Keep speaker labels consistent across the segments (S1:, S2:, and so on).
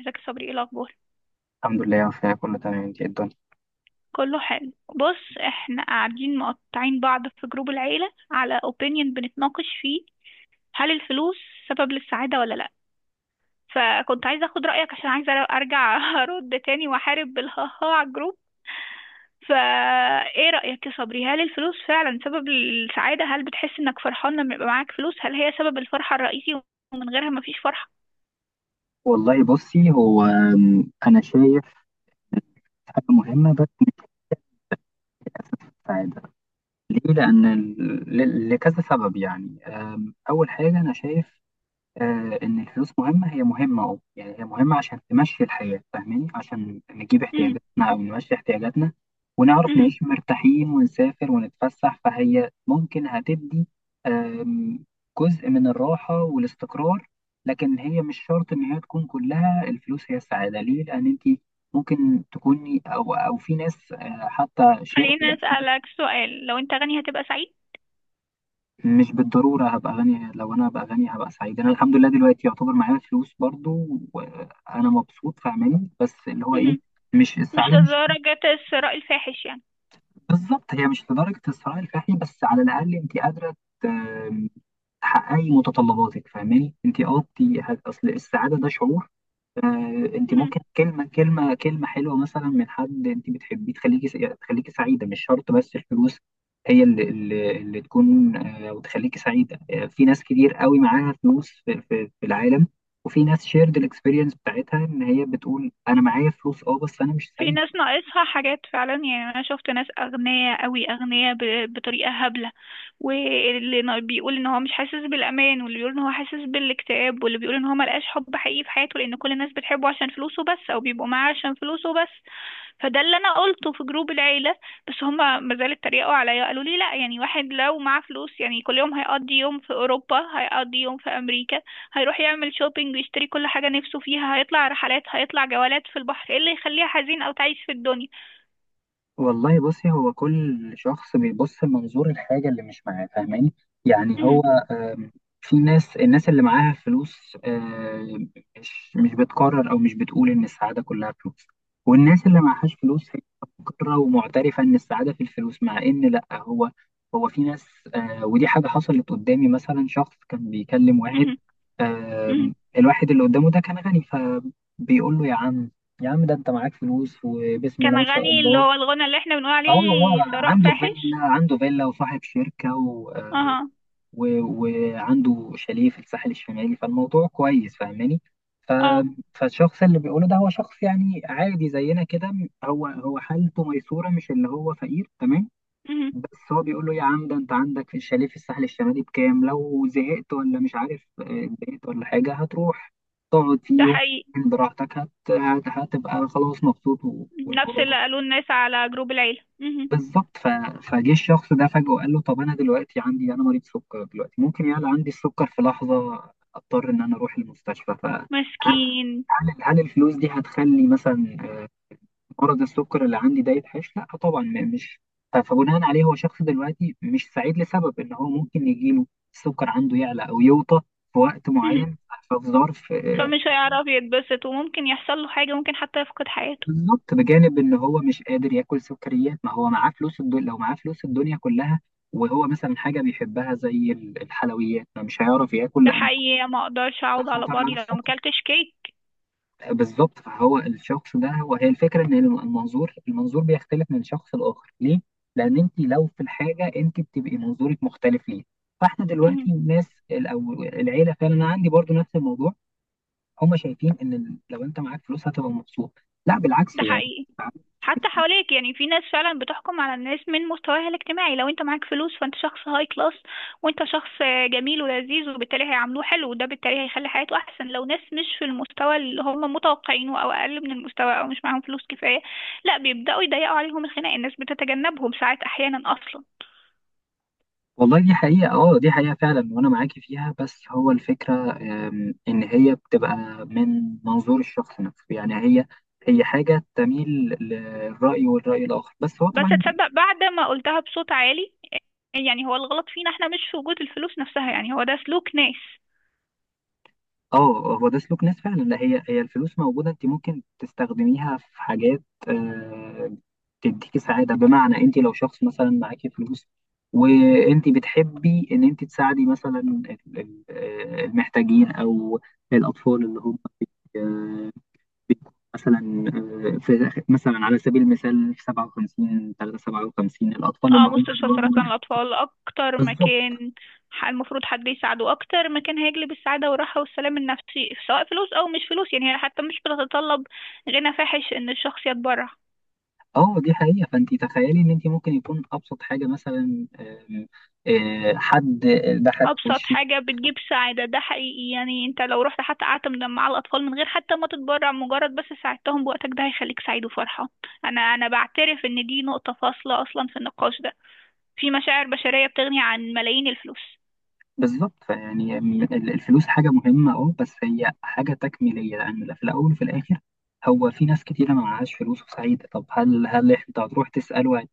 S1: ازيك يا صبري، ايه الاخبار؟
S2: الحمد لله وفيها كله تمام، انت ايه الدنيا؟
S1: كله حلو. بص احنا قاعدين مقطعين بعض في جروب العيله على اوبينيون، بنتناقش فيه هل الفلوس سبب للسعاده ولا لا. فكنت عايزه اخد رايك عشان عايزه ارجع ارد تاني واحارب بالهاها على الجروب. فا ايه رايك يا صبري؟ هل الفلوس فعلا سبب للسعاده؟ هل بتحس انك فرحان لما يبقى معاك فلوس؟ هل هي سبب الفرحه الرئيسي ومن غيرها مفيش فرحه؟
S2: والله بصي، هو انا شايف حاجه مهمه. بس اساس السعاده ليه؟ لان لكذا سبب. يعني اول حاجه انا شايف آه إن الفلوس مهمة، هي مهمة، أه يعني هي مهمة عشان تمشي الحياة، فاهماني، عشان نجيب
S1: امم.
S2: احتياجاتنا أو نمشي احتياجاتنا، ونعرف
S1: امم.
S2: نعيش مرتاحين ونسافر ونتفسح. فهي ممكن هتدي آم، جزء من الراحة والاستقرار. لكن هي مش شرط إن هي تكون كلها الفلوس هي السعادة. ليه؟ لأن أنت ممكن تكوني، أو في ناس حتى شيرد.
S1: خليني اسالك سؤال، لو انت غني هتبقى سعيد؟
S2: مش بالضرورة هبقى غني. لو أنا بقى غني هبقى سعيد؟ أنا الحمد لله دلوقتي يعتبر معايا فلوس برضو وأنا مبسوط، فاهماني. بس اللي هو إيه،
S1: امم.
S2: مش
S1: مش
S2: السعادة مش
S1: لدرجة الثراء الفاحش يعني.
S2: بالظبط هي مش لدرجة الثراء الفاحل، بس على الأقل أنت قادرة ت- تحققي متطلباتك، فاهماني. أنت أه أنت أصل السعادة ده شعور. انت
S1: مم.
S2: ممكن كلمه كلمه حلوه مثلا من حد انت بتحبيه تخليكي تخليكي سعيده، مش شرط بس الفلوس هي اللي تكون وتخليكي سعيده. في ناس كتير قوي معاها فلوس في العالم، وفي ناس شيرد الاكسبيرينس بتاعتها ان هي بتقول انا معايا فلوس اه بس انا مش
S1: في
S2: سعيد.
S1: ناس ناقصها حاجات فعلا، يعني انا شفت ناس اغنياء قوي، اغنياء بطريقه هبله. واللي بيقول ان هو مش حاسس بالامان، واللي بيقول ان هو حاسس بالاكتئاب، واللي بيقول ان هو ملقاش حب حقيقي في حياته لان كل الناس بتحبه عشان فلوسه بس او بيبقوا معاه عشان فلوسه بس. فده اللي انا قلته في جروب العيله، بس هما ما زالوا اتريقوا عليا. قالوا لي لا، يعني واحد لو معاه فلوس يعني كل يوم هيقضي يوم في اوروبا، هيقضي يوم في امريكا، هيروح يعمل شوبينج ويشتري كل حاجه نفسه فيها، هيطلع رحلات، هيطلع جولات في البحر، ايه اللي يخليه حزين او تعيس في الدنيا؟
S2: والله بصي هو كل شخص بيبص منظور الحاجة اللي مش معاه، فاهماني. يعني
S1: مهم.
S2: هو آم، في ناس، الناس اللي معاها فلوس مش بتقرر أو مش بتقول إن السعادة كلها فلوس، والناس اللي معهاش فلوس هي مقرة ومعترفة إن السعادة في الفلوس، مع إن لأ. هو هو في ناس ودي حاجة حصلت قدامي، مثلا شخص كان بيكلم واحد،
S1: مهم. مهم.
S2: الواحد اللي قدامه ده كان غني، فبيقول له يا عم، يا عم ده انت معاك فلوس وبسم الله
S1: كان
S2: ما شاء
S1: غني، اللي
S2: الله.
S1: هو الغنى اللي احنا بنقول
S2: اه هو
S1: عليه ثراء
S2: عنده فيلا،
S1: فاحش.
S2: وصاحب شركة
S1: اها.
S2: وعنده شاليه في الساحل الشمالي، فالموضوع كويس فاهماني.
S1: اه.
S2: فالشخص اللي بيقوله ده هو شخص يعني عادي زينا كده، هو حالته ميسورة، مش اللي هو فقير تمام.
S1: مهم.
S2: بس هو بيقول له يا عم ده انت عندك في الشاليه في الساحل الشمالي بكام، لو زهقت ولا مش عارف اتضايقت ولا حاجة هتروح تقعد
S1: ده
S2: فيه
S1: حقيقي.
S2: براحتك، هتبقى خلاص مبسوط
S1: نفس
S2: والموضوع ده
S1: اللي قالوه الناس على جروب العيله. مهم.
S2: بالظبط. فجه الشخص ده فجأة وقال له طب انا دلوقتي عندي، انا مريض سكر دلوقتي، ممكن يعلى عندي السكر في لحظة اضطر ان انا اروح المستشفى. فهل
S1: مسكين.
S2: الفلوس دي هتخلي مثلا مرض السكر اللي عندي ده يتحش؟ لا طبعا، مش فبناء عليه هو شخص دلوقتي مش سعيد، لسبب ان هو ممكن يجيله السكر عنده يعلى او يوطى في وقت معين، ففي ظرف
S1: فمش هيعرف يتبسط وممكن يحصل له حاجة، ممكن حتى يفقد حياته.
S2: بالظبط. بجانب ان هو مش قادر ياكل سكريات، ما هو معاه فلوس الدنيا، لو معاه فلوس الدنيا كلها وهو مثلا حاجه بيحبها زي الحلويات ما مش هيعرف ياكل،
S1: ده
S2: لان
S1: حقيقي، ما اقدرش
S2: ده
S1: اعود على
S2: خطر على
S1: بعضي لو ما
S2: السكر.
S1: اكلتش كيك.
S2: بالظبط، فهو الشخص ده، وهي الفكره ان المنظور، بيختلف من شخص لاخر. ليه؟ لان انت لو في الحاجه انت بتبقي منظورك مختلف، ليه؟ فاحنا دلوقتي
S1: مم.
S2: الناس او العيله، فعلا انا عندي برضو نفس الموضوع. هم شايفين ان لو انت معاك فلوس هتبقى مبسوط، لا بالعكس
S1: ده
S2: يعني.
S1: حقيقي. حتى حواليك، يعني في ناس فعلا بتحكم على الناس من مستواها الاجتماعي. لو انت معاك فلوس فانت شخص هاي كلاس وانت شخص جميل ولذيذ، وبالتالي هيعاملوه حلو، وده بالتالي هيخلي حياته احسن. لو ناس مش في المستوى اللي هم متوقعينه او اقل من المستوى او مش معاهم فلوس كفاية، لا بيبدأوا يضيقوا عليهم الخناق، الناس بتتجنبهم ساعات، احيانا اصلا.
S2: والله دي حقيقة اه، دي حقيقة فعلا وانا معاكي فيها. بس هو الفكرة ان هي بتبقى من منظور الشخص نفسه، يعني هي حاجة تميل للرأي والرأي الآخر، بس هو
S1: بس
S2: طبعا
S1: تصدق، بعد ما قلتها بصوت عالي، يعني هو الغلط فينا احنا مش في وجود الفلوس نفسها، يعني هو ده سلوك ناس.
S2: اه، هو ده سلوك ناس فعلا. لا، هي الفلوس موجودة، انت ممكن تستخدميها في حاجات تديكي سعادة. بمعنى انت لو شخص مثلا معاكي فلوس، وانت بتحبي ان انت تساعدي مثلا المحتاجين او الاطفال اللي هم بيكون مثلا في مثلا على سبيل المثال في 57 3 57 الاطفال اللي
S1: اه.
S2: هم
S1: مستشفى
S2: بيواجهوا
S1: سرطان الأطفال أكتر
S2: بالظبط
S1: مكان، المفروض حد يساعده، أكتر مكان هيجلب السعادة والراحة والسلام النفسي، سواء فلوس أو مش فلوس. يعني هي حتى مش بتتطلب غنى فاحش إن الشخص يتبرع.
S2: اه دي حقيقه. فانت تخيلي ان انت ممكن يكون ابسط حاجه مثلا آم، آه، حد ضحك في
S1: أبسط
S2: وشك
S1: حاجة بتجيب سعادة، ده حقيقي. يعني أنت لو رحت حتى قعدت مع الأطفال من غير حتى ما تتبرع، مجرد بس ساعدتهم بوقتك، ده هيخليك سعيد وفرحة. أنا بعترف إن دي نقطة فاصلة أصلا في النقاش ده. في مشاعر بشرية بتغني عن ملايين الفلوس.
S2: بالظبط. فيعني الفلوس حاجه مهمه اه، بس هي حاجه تكميليه، لان في الاول وفي الاخر هو في ناس كتيره ما معهاش فلوس وسعيده. طب هل انت هتروح تساله قلت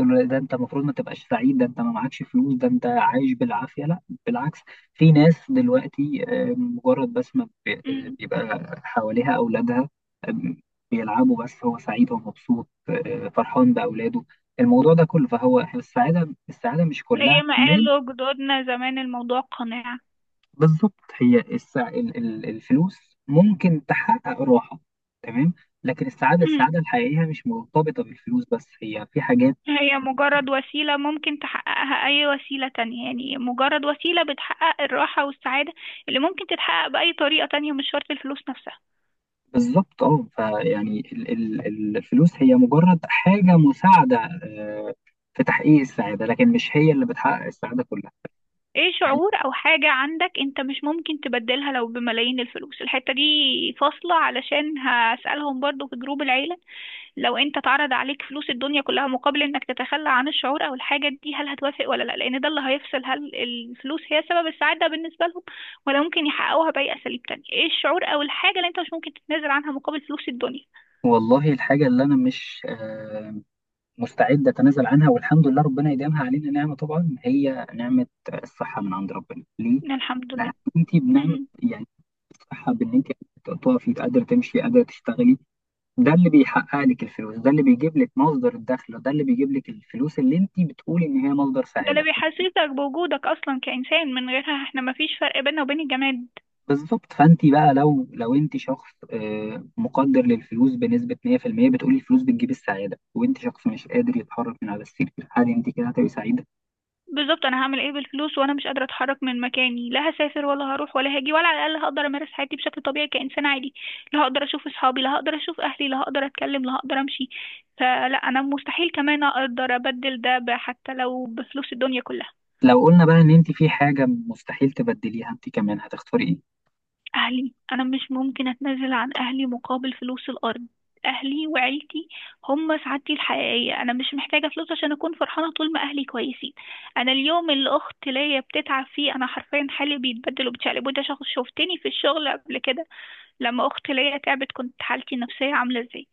S2: له ده انت المفروض ما تبقاش سعيد، ده انت ما معكش فلوس، ده انت عايش بالعافيه؟ لا، بالعكس. في ناس دلوقتي مجرد بس ما بي- آه،
S1: مم.
S2: بيبقى حواليها اولادها آم، بيلعبوا، بس هو سعيد ومبسوط فرحان باولاده، الموضوع ده كله. فهو السعاده، السعاده مش كلها
S1: زي ما
S2: مال.
S1: قالوا جدودنا زمان، الموضوع قناعة.
S2: بالظبط، هي الفلوس ممكن تحقق راحه، تمام، لكن السعاده،
S1: مم.
S2: السعاده الحقيقيه مش مرتبطه بالفلوس بس، هي في حاجات.
S1: هي مجرد وسيلة ممكن تحققها أي وسيلة تانية، يعني مجرد وسيلة بتحقق الراحة والسعادة اللي ممكن تتحقق بأي طريقة تانية، مش شرط الفلوس نفسها.
S2: بالظبط اه، فيعني الفلوس هي مجرد حاجة مساعدة آه، في تحقيق السعادة، لكن مش هي اللي بتحقق السعادة كلها.
S1: ايه شعور أو حاجة عندك انت مش ممكن تبدلها لو بملايين الفلوس؟ الحتة دي فاصلة علشان هسألهم برضو في جروب العيلة. لو انت اتعرض عليك فلوس الدنيا كلها مقابل انك تتخلى عن الشعور او الحاجة دي، هل هتوافق ولا لا؟ لان ده اللي هيفصل، هل الفلوس هي سبب السعادة بالنسبة لهم؟ ولا ممكن يحققوها بأي اساليب تانية؟ ايه الشعور او الحاجة اللي انت مش ممكن تتنازل عنها مقابل فلوس الدنيا؟
S2: والله الحاجة اللي أنا مش مستعد أتنازل عنها، والحمد لله ربنا يديمها علينا نعمة، طبعا هي نعمة الصحة من عند ربنا. ليه؟
S1: الحمد
S2: لأن
S1: لله.
S2: أنت بنعمة
S1: مهم.
S2: يعني الصحة، بإن أنت تقفي قادرة تمشي قادرة تشتغلي، ده اللي بيحقق لك الفلوس، ده اللي بيجيب لك مصدر الدخل، ده اللي بيجيب لك الفلوس اللي أنت بتقولي إن هي مصدر
S1: ده اللي
S2: سعادة.
S1: بيحسسك بوجودك اصلا كإنسان، من غيرها احنا مفيش فرق بيننا وبين الجماد.
S2: بالظبط، فانت بقى لو انت شخص مقدر للفلوس بنسبه 100%، بتقولي الفلوس بتجيب السعاده، وانت شخص مش قادر يتحرك من على السرير، هل انت كده هتبقي سعيده؟
S1: بالظبط، انا هعمل ايه بالفلوس وانا مش قادره اتحرك من مكاني؟ لا هسافر ولا هروح ولا هاجي، ولا على الاقل هقدر امارس حياتي بشكل طبيعي كانسان عادي. لا هقدر اشوف اصحابي، لا هقدر اشوف اهلي، لا هقدر اتكلم، لا هقدر امشي. فلا، انا مستحيل كمان اقدر ابدل ده حتى لو بفلوس الدنيا كلها.
S2: لو قلنا بقى ان انت في حاجه مستحيل تبدليها، انت كمان هتختاري ايه؟
S1: أهلي، أنا مش ممكن أتنازل عن أهلي مقابل فلوس الأرض. أهلي وعيلتي هم سعادتي الحقيقية. أنا مش محتاجة فلوس عشان أكون فرحانة طول ما أهلي كويسين. أنا اليوم اللي أخت ليا بتتعب فيه، أنا حرفيا حالي بيتبدل وبتشقلب، وده شخص شفتني في الشغل قبل كده لما أخت ليا تعبت، كنت حالتي النفسية عاملة إزاي.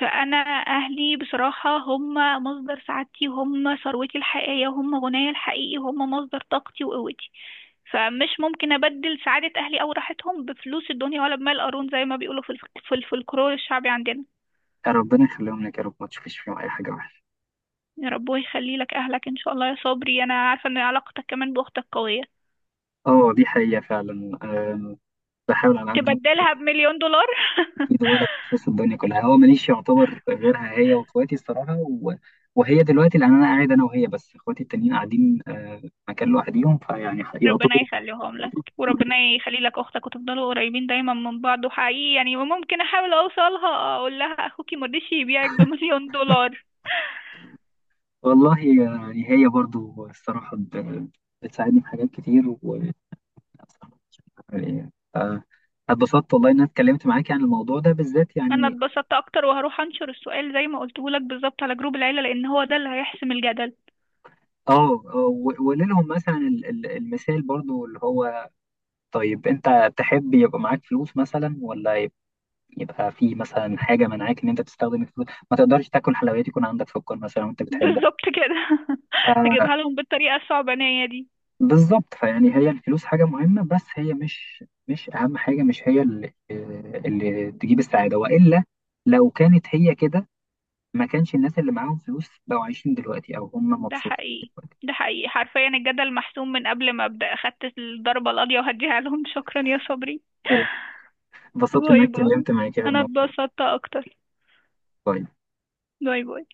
S1: فأنا أهلي بصراحة هم مصدر سعادتي، هم ثروتي الحقيقية، هم غنايا الحقيقي، هم مصدر طاقتي وقوتي. فمش ممكن أبدل سعادة أهلي أو راحتهم بفلوس الدنيا، ولا بمال قارون زي ما بيقولوا في في الفلكلور الشعبي عندنا.
S2: يا ربنا يخليهم لك يا رب، ما تشوفيش فيهم اي حاجه وحشه.
S1: يا رب يخلي لك أهلك إن شاء الله يا صبري، أنا عارفة إن علاقتك كمان بأختك قوية.
S2: اه دي حقيقه فعلا، بحاول على قد ما
S1: تبدلها بمليون دولار؟
S2: اقدر. ولا بخصوص الدنيا كلها، هو ماليش يعتبر غيرها هي واخواتي الصراحه وهي دلوقتي، لان انا قاعد انا وهي بس، اخواتي التانيين قاعدين مكان لوحديهم، فيعني يعتبر.
S1: ربنا يخليهم لك وربنا يخلي لك أختك وتفضلوا قريبين دايما من بعض. وحقيقي يعني ممكن أحاول أوصلها، أقول لها أخوكي مرضيش يبيعك بمليون دولار.
S2: والله يعني هي برضو الصراحة بتساعدني في حاجات كتير و يعني، آه، اتبسطت والله إن أنا اتكلمت معاك عن الموضوع ده بالذات
S1: أنا
S2: يعني.
S1: اتبسطت أكتر وهروح أنشر السؤال زي ما قلته لك بالظبط على جروب العيلة، لأن هو ده اللي هيحسم الجدل.
S2: اه وليلهم مثلا المثال برضو اللي هو طيب أنت تحب يبقى معاك فلوس مثلا، ولا يبقى في مثلا حاجة منعاك إن أنت تستخدم الفلوس، ما تقدرش تاكل حلويات يكون عندك سكر مثلا وأنت بتحبها.
S1: بالظبط كده. هجيبها لهم بالطريقة الصعبانية دي.
S2: بالظبط، فيعني هي الفلوس حاجة مهمة، بس هي مش أهم حاجة، مش هي اللي تجيب السعادة، وإلا لو كانت هي كده ما كانش الناس اللي معاهم فلوس بقوا عايشين دلوقتي أو هم
S1: ده
S2: مبسوطين
S1: حقيقي.
S2: دلوقتي.
S1: ده حقيقي، حرفيا الجدل محسوم من قبل ما أبدأ، أخدت الضربة القاضية وهديها لهم. شكرا يا صبري.
S2: حلو، انبسطت إن أنا
S1: باي باي.
S2: اتكلمت معاك في
S1: أنا
S2: الموضوع.
S1: اتبسطت أكتر.
S2: باي.
S1: باي باي.